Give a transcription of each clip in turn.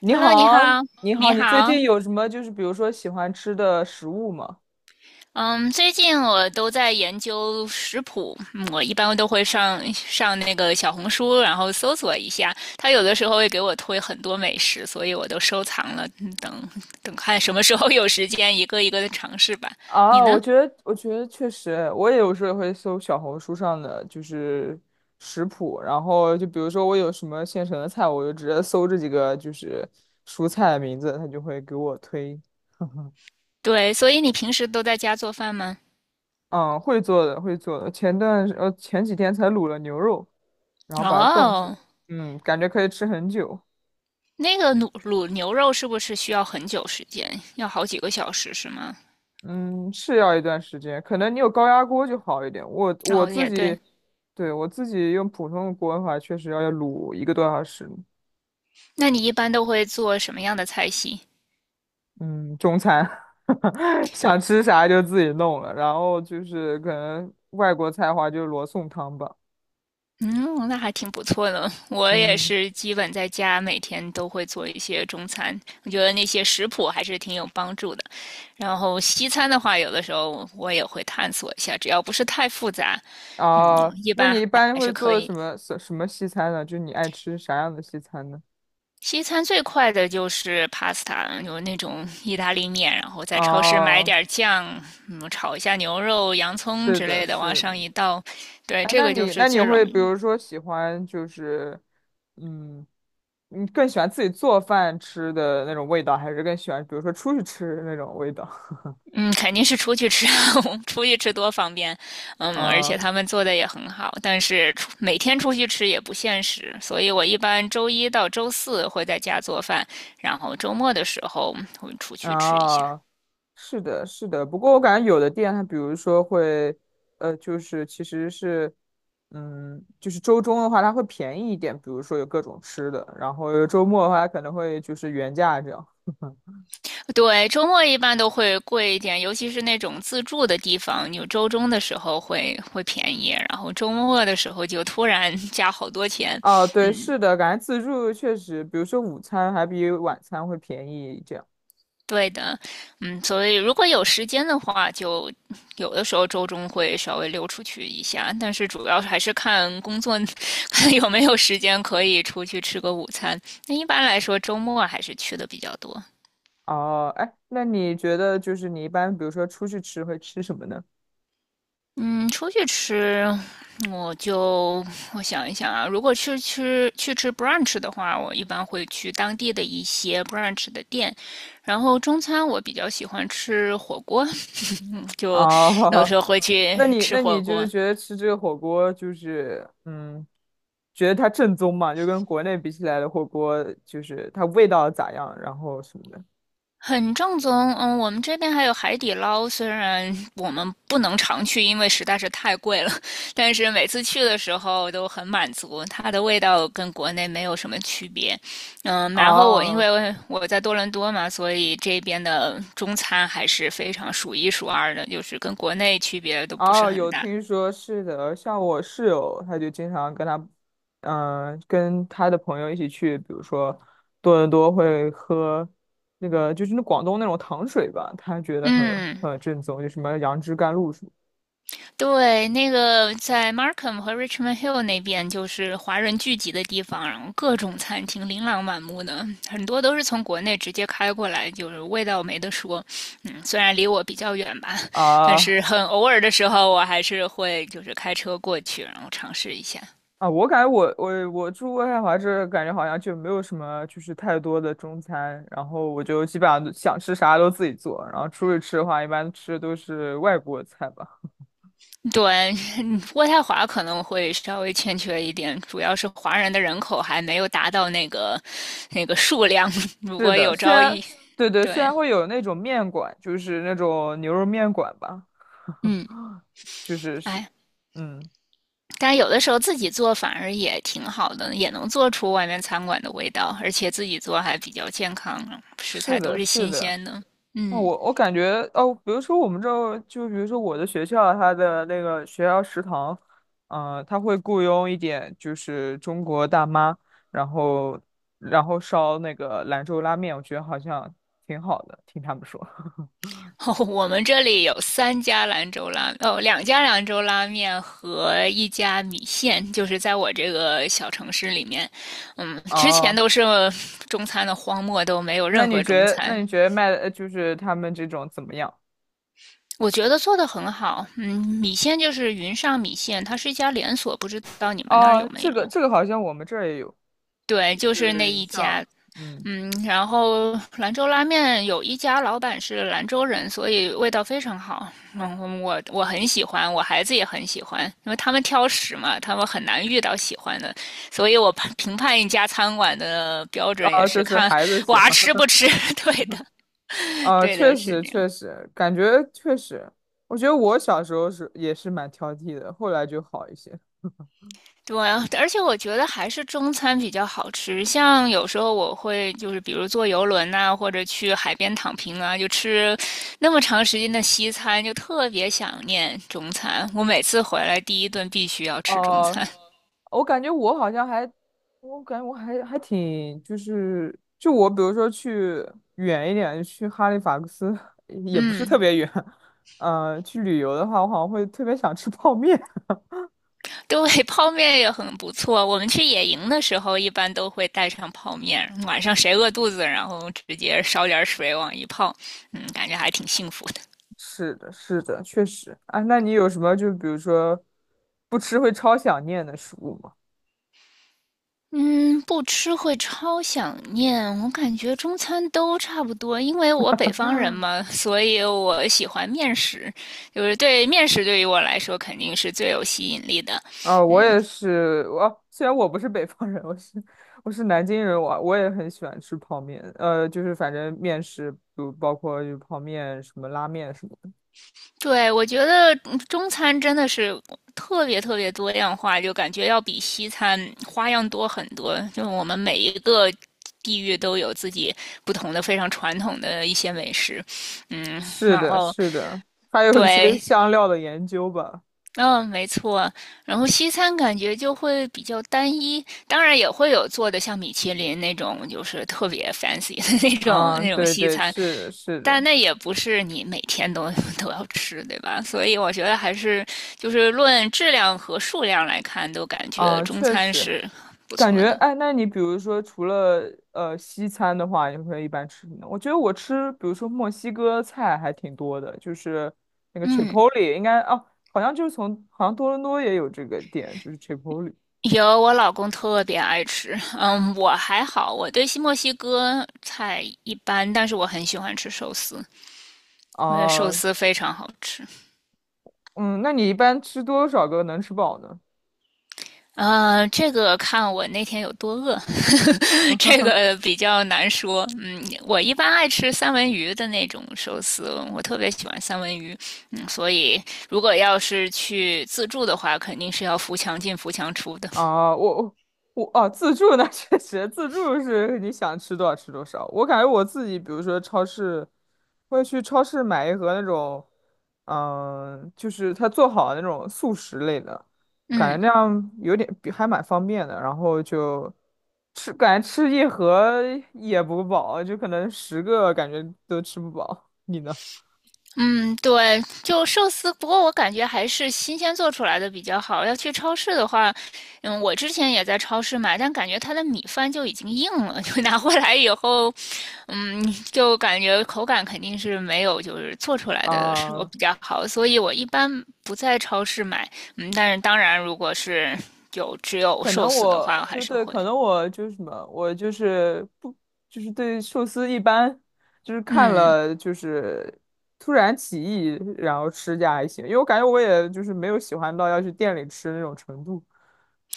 你 Hello，你好，好，你好，你你最好。近有什么比如说喜欢吃的食物吗？嗯，最近我都在研究食谱，嗯我一般都会上那个小红书，然后搜索一下。它有的时候会给我推很多美食，所以我都收藏了，嗯等等看什么时候有时间，一个一个的尝试吧。你啊，呢？我觉得确实，我也有时候会搜小红书上的食谱，然后就比如说我有什么现成的菜，我就直接搜这几个蔬菜的名字，它就会给我推。对，所以你平时都在家做饭吗？嗯，会做的，会做的。前段前几天才卤了牛肉，然后把它冻起来，哦，嗯，感觉可以吃很久。那个卤牛肉是不是需要很久时间？要好几个小时是吗？嗯，是要一段时间，可能你有高压锅就好一点。我哦，自也己，对。对，我自己用普通的锅的话，确实要卤1个多小时。那你一般都会做什么样的菜系？嗯，中餐。 想吃啥就自己弄了，然后就是可能外国菜的话就是罗宋汤吧。嗯，那还挺不错的。我也嗯，是基本在家每天都会做一些中餐，我觉得那些食谱还是挺有帮助的。然后西餐的话，有的时候我也会探索一下，只要不是太复杂，嗯，啊，一那般你一还般还会是可做以。什么什么西餐呢？就你爱吃啥样的西餐呢？西餐最快的就是 pasta，有那种意大利面，然后在超市买哦，点儿酱，嗯，炒一下牛肉、洋葱是之的，类的，往是。上一倒，对，哎，这那个就你是那你最容会比易。如说喜欢就是，嗯，你更喜欢自己做饭吃的那种味道，还是更喜欢比如说出去吃的那种味道？嗯，肯定是出去吃，我们出去吃多方便。嗯，而且嗯他们做的也很好，但是每天出去吃也不现实，所以我一般周一到周四会在家做饭，然后周末的时候会出去吃一下。啊，是的，是的。不过我感觉有的店它比如说会，就是其实是，嗯，就是周中的话它会便宜一点，比如说有各种吃的，然后周末的话它可能会就是原价这样。对，周末一般都会贵一点，尤其是那种自助的地方，有周中的时候会便宜，然后周末的时候就突然 加好多钱。哦，嗯，对，是的，感觉自助确实，比如说午餐还比晚餐会便宜这样。对的，嗯，所以如果有时间的话，就有的时候周中会稍微溜出去一下，但是主要还是看工作 看有没有时间可以出去吃个午餐。那一般来说，周末还是去的比较多。哦，哎，那你觉得就是你一般，比如说出去吃会吃什么呢？嗯，出去吃，我就我想一想啊，如果去吃 brunch 的话，我一般会去当地的一些 brunch 的店。然后中餐我比较喜欢吃火锅，就有哦，时候会 去那你吃那火你就是锅。觉得吃这个火锅就是，觉得它正宗嘛？就跟国内比起来的火锅，就是它味道咋样，然后什么的。很正宗，嗯，我们这边还有海底捞，虽然我们不能常去，因为实在是太贵了，但是每次去的时候都很满足，它的味道跟国内没有什么区别，嗯，然后我因哦为我在多伦多嘛，所以这边的中餐还是非常数一数二的，就是跟国内区别都不是哦，很有大，听说是的，像我室友，他就经常跟他，嗯、跟他的朋友一起去，比如说多伦多会喝那个就是那广东那种糖水吧，他觉得嗯。很正宗，就什么杨枝甘露什么。对，那个在 Markham 和 Richmond Hill 那边就是华人聚集的地方，然后各种餐厅琳琅满目的，很多都是从国内直接开过来，就是味道没得说。嗯，虽然离我比较远吧，但啊，是很偶尔的时候，我还是会就是开车过去，然后尝试一下。啊，我感觉我我住渥太华这，感觉好像就没有什么就是太多的中餐，然后我就基本上想吃啥都自己做，然后出去吃的话，一般吃的都是外国菜吧。对，嗯渥太华可能会稍微欠缺一点，主要是华人的人口还没有达到那个数量。如是果的，有虽朝然一，对，虽对，然会有那种面馆，就是那种牛肉面馆吧，嗯，就是是，哎，嗯，但有的时候自己做反而也挺好的，也能做出外面餐馆的味道，而且自己做还比较健康啊，食是材都的，是是新的。鲜的。那嗯，我我感觉哦，比如说我们这儿，就比如说我的学校，它的那个学校食堂，嗯、它会雇佣一点就是中国大妈，然后然后烧那个兰州拉面，我觉得好像挺好的，听他们说。哦，我们这里有三家兰州拉，哦，两家兰州拉面和一家米线，就是在我这个小城市里面，嗯，之前哦，都是中餐的荒漠，都没有那任你何中觉得那餐。你觉得卖的就是他们这种怎么样？我觉得做的很好，嗯，米线就是云上米线，它是一家连锁，不知道你们那儿有哦，没这有？个这个好像我们这儿也有，对，就是是那云一上，家，嗯，嗯，然后兰州拉面有一家老板是兰州人，所以味道非常好。嗯，我很喜欢，我孩子也很喜欢，因为他们挑食嘛，他们很难遇到喜欢的，所以我评判一家餐馆的标准也啊，就是是看孩子喜娃欢。吃不吃。对的，啊，对确的，是实这确样。实，感觉确实，我觉得我小时候是也是蛮挑剔的，后来就好一些。对啊，而且我觉得还是中餐比较好吃。像有时候我会就是，比如坐游轮呐、或者去海边躺平啊，就吃那么长时间的西餐，就特别想念中餐。我每次回来第一顿必须要吃中哦、餐。我感觉我好像还，我感觉我还挺，就是就我比如说去远一点，去哈利法克斯 也不是特嗯，别远，去旅游的话，我好像会特别想吃泡面。对，泡面也很不错。我们去野营的时候，一般都会带上泡面，晚上谁饿肚子，然后直接烧点水往一泡，嗯，感觉还挺幸福的。是的，是的，确实啊。那你有什么就比如说不吃会超想念的食物吗？嗯，不吃会超想念。我感觉中餐都差不多，因为我北方人嘛，所以我喜欢面食，就是对面食对于我来说肯定是最有吸引力的。啊，我嗯，也是，我虽然我不是北方人，我是南京人，我也很喜欢吃泡面，就是反正面食，比如包括就泡面、什么拉面什么的。对，我觉得嗯中餐真的是特别特别多样化，就感觉要比西餐花样多很多。就是我们每一个地域都有自己不同的非常传统的一些美食，嗯，是然的，后是的，还有一些对，香料的研究吧。嗯，没错。然后西餐感觉就会比较单一，当然也会有做的像米其林那种，就是特别 fancy 的 那种啊，那种对西对，餐，是的是但的，那也不是你每天都 都要吃，对吧？所以我觉得还是就是论质量和数量来看，都感觉啊，中确餐实。是不感错觉的。哎，那你比如说除了西餐的话，你会一般吃什么呢？我觉得我吃，比如说墨西哥菜还挺多的，就是那个 嗯，Chipotle，应该哦，好像就是从好像多伦多也有这个店，就是 Chipotle。 有，我老公特别爱吃。嗯，我还好，我对西墨西哥菜一般，但是我很喜欢吃寿司，因为寿啊，司非常好吃。嗯，那你一般吃多少个能吃饱呢？嗯，这个看我那天有多饿，这个比较难说。嗯，我一般爱吃三文鱼的那种寿司，我特别喜欢三文鱼。嗯，所以如果要是去自助的话，肯定是要扶墙进、扶墙出的。啊，我啊，自助那 确实，自助是你想吃多少吃多少。我感觉我自己，比如说超市，会去超市买一盒那种，嗯，就是他做好的那种速食类的，感嗯，觉那样有点比还蛮方便的。然后就吃，感觉吃一盒也不饱，就可能10个感觉都吃不饱。你呢？嗯，对，就寿司，不过我感觉还是新鲜做出来的比较好。要去超市的话，嗯，我之前也在超市买，但感觉它的米饭就已经硬了，就拿回来以后，嗯，就感觉口感肯定是没有就是做出来的时候啊、比较好，所以我一般不在超市买。嗯，但是当然，如果是有只有可寿能司的话，我我还对是对，会。可能我就是什么，我就是不就是对寿司一般，就是看嗯，了就是突然起意，然后吃下还行，因为我感觉我也就是没有喜欢到要去店里吃那种程度。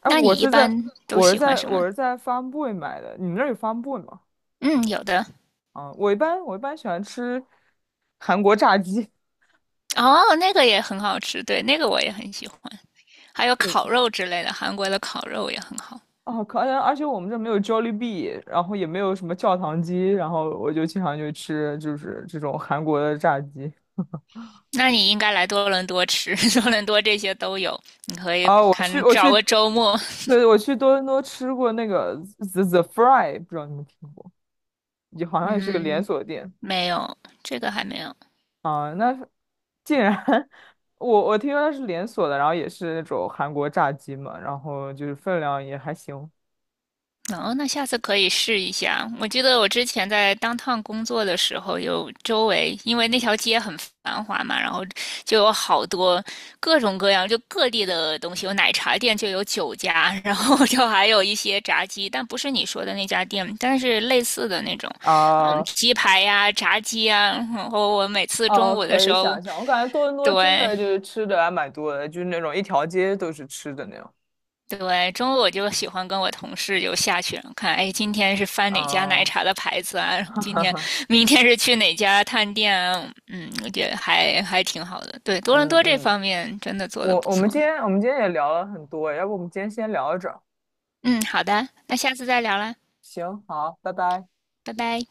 哎，那你一般都喜欢什么？我是在 f a r Boy 买的，你们那儿有 f a r Boy 吗？嗯，有的。啊，我一般喜欢吃韩国炸鸡。哦，那个也很好吃，对，那个我也很喜欢。还有 对，烤肉之类的，韩国的烤肉也很好。哦，可能而且我们这没有 Jollibee，然后也没有什么教堂鸡，然后我就经常就吃就是这种韩国的炸鸡。那你应该来多伦多吃，多伦多这些都有。你可以啊，我去看我找去，个周末，对，我去多伦多吃过那个 The Fry，不知道你们听过，也好像也是个连嗯，锁店。没有，这个还没有。啊，那是竟然 我我听说它是连锁的，然后也是那种韩国炸鸡嘛，然后就是分量也还行。哦，那下次可以试一下。我记得我之前在当 o 工作的时候，有周围因为那条街很繁华嘛，然后就有好多各种各样就各地的东西，有奶茶店就有酒家，然后就还有一些炸鸡，但不是你说的那家店，但是类似的那种，嗯，啊，鸡排呀、炸鸡啊。然后我每次中哦，午的可时以候，想象，我感觉多伦多真对，的就是吃的还蛮多的，就是那种一条街都是吃的那种。对，中午我就喜欢跟我同事就下去看，哎，今天是翻哪家奶啊，茶的牌子啊？然后哈今哈天、哈，明天是去哪家探店啊？嗯，我觉得还挺好的。对，多伦嗯多这嗯，方面真的做的我不我们错。今天我们今天也聊了很多，要不我们今天先聊到这儿？嗯，好的，那下次再聊啦，行，好，拜拜。拜拜。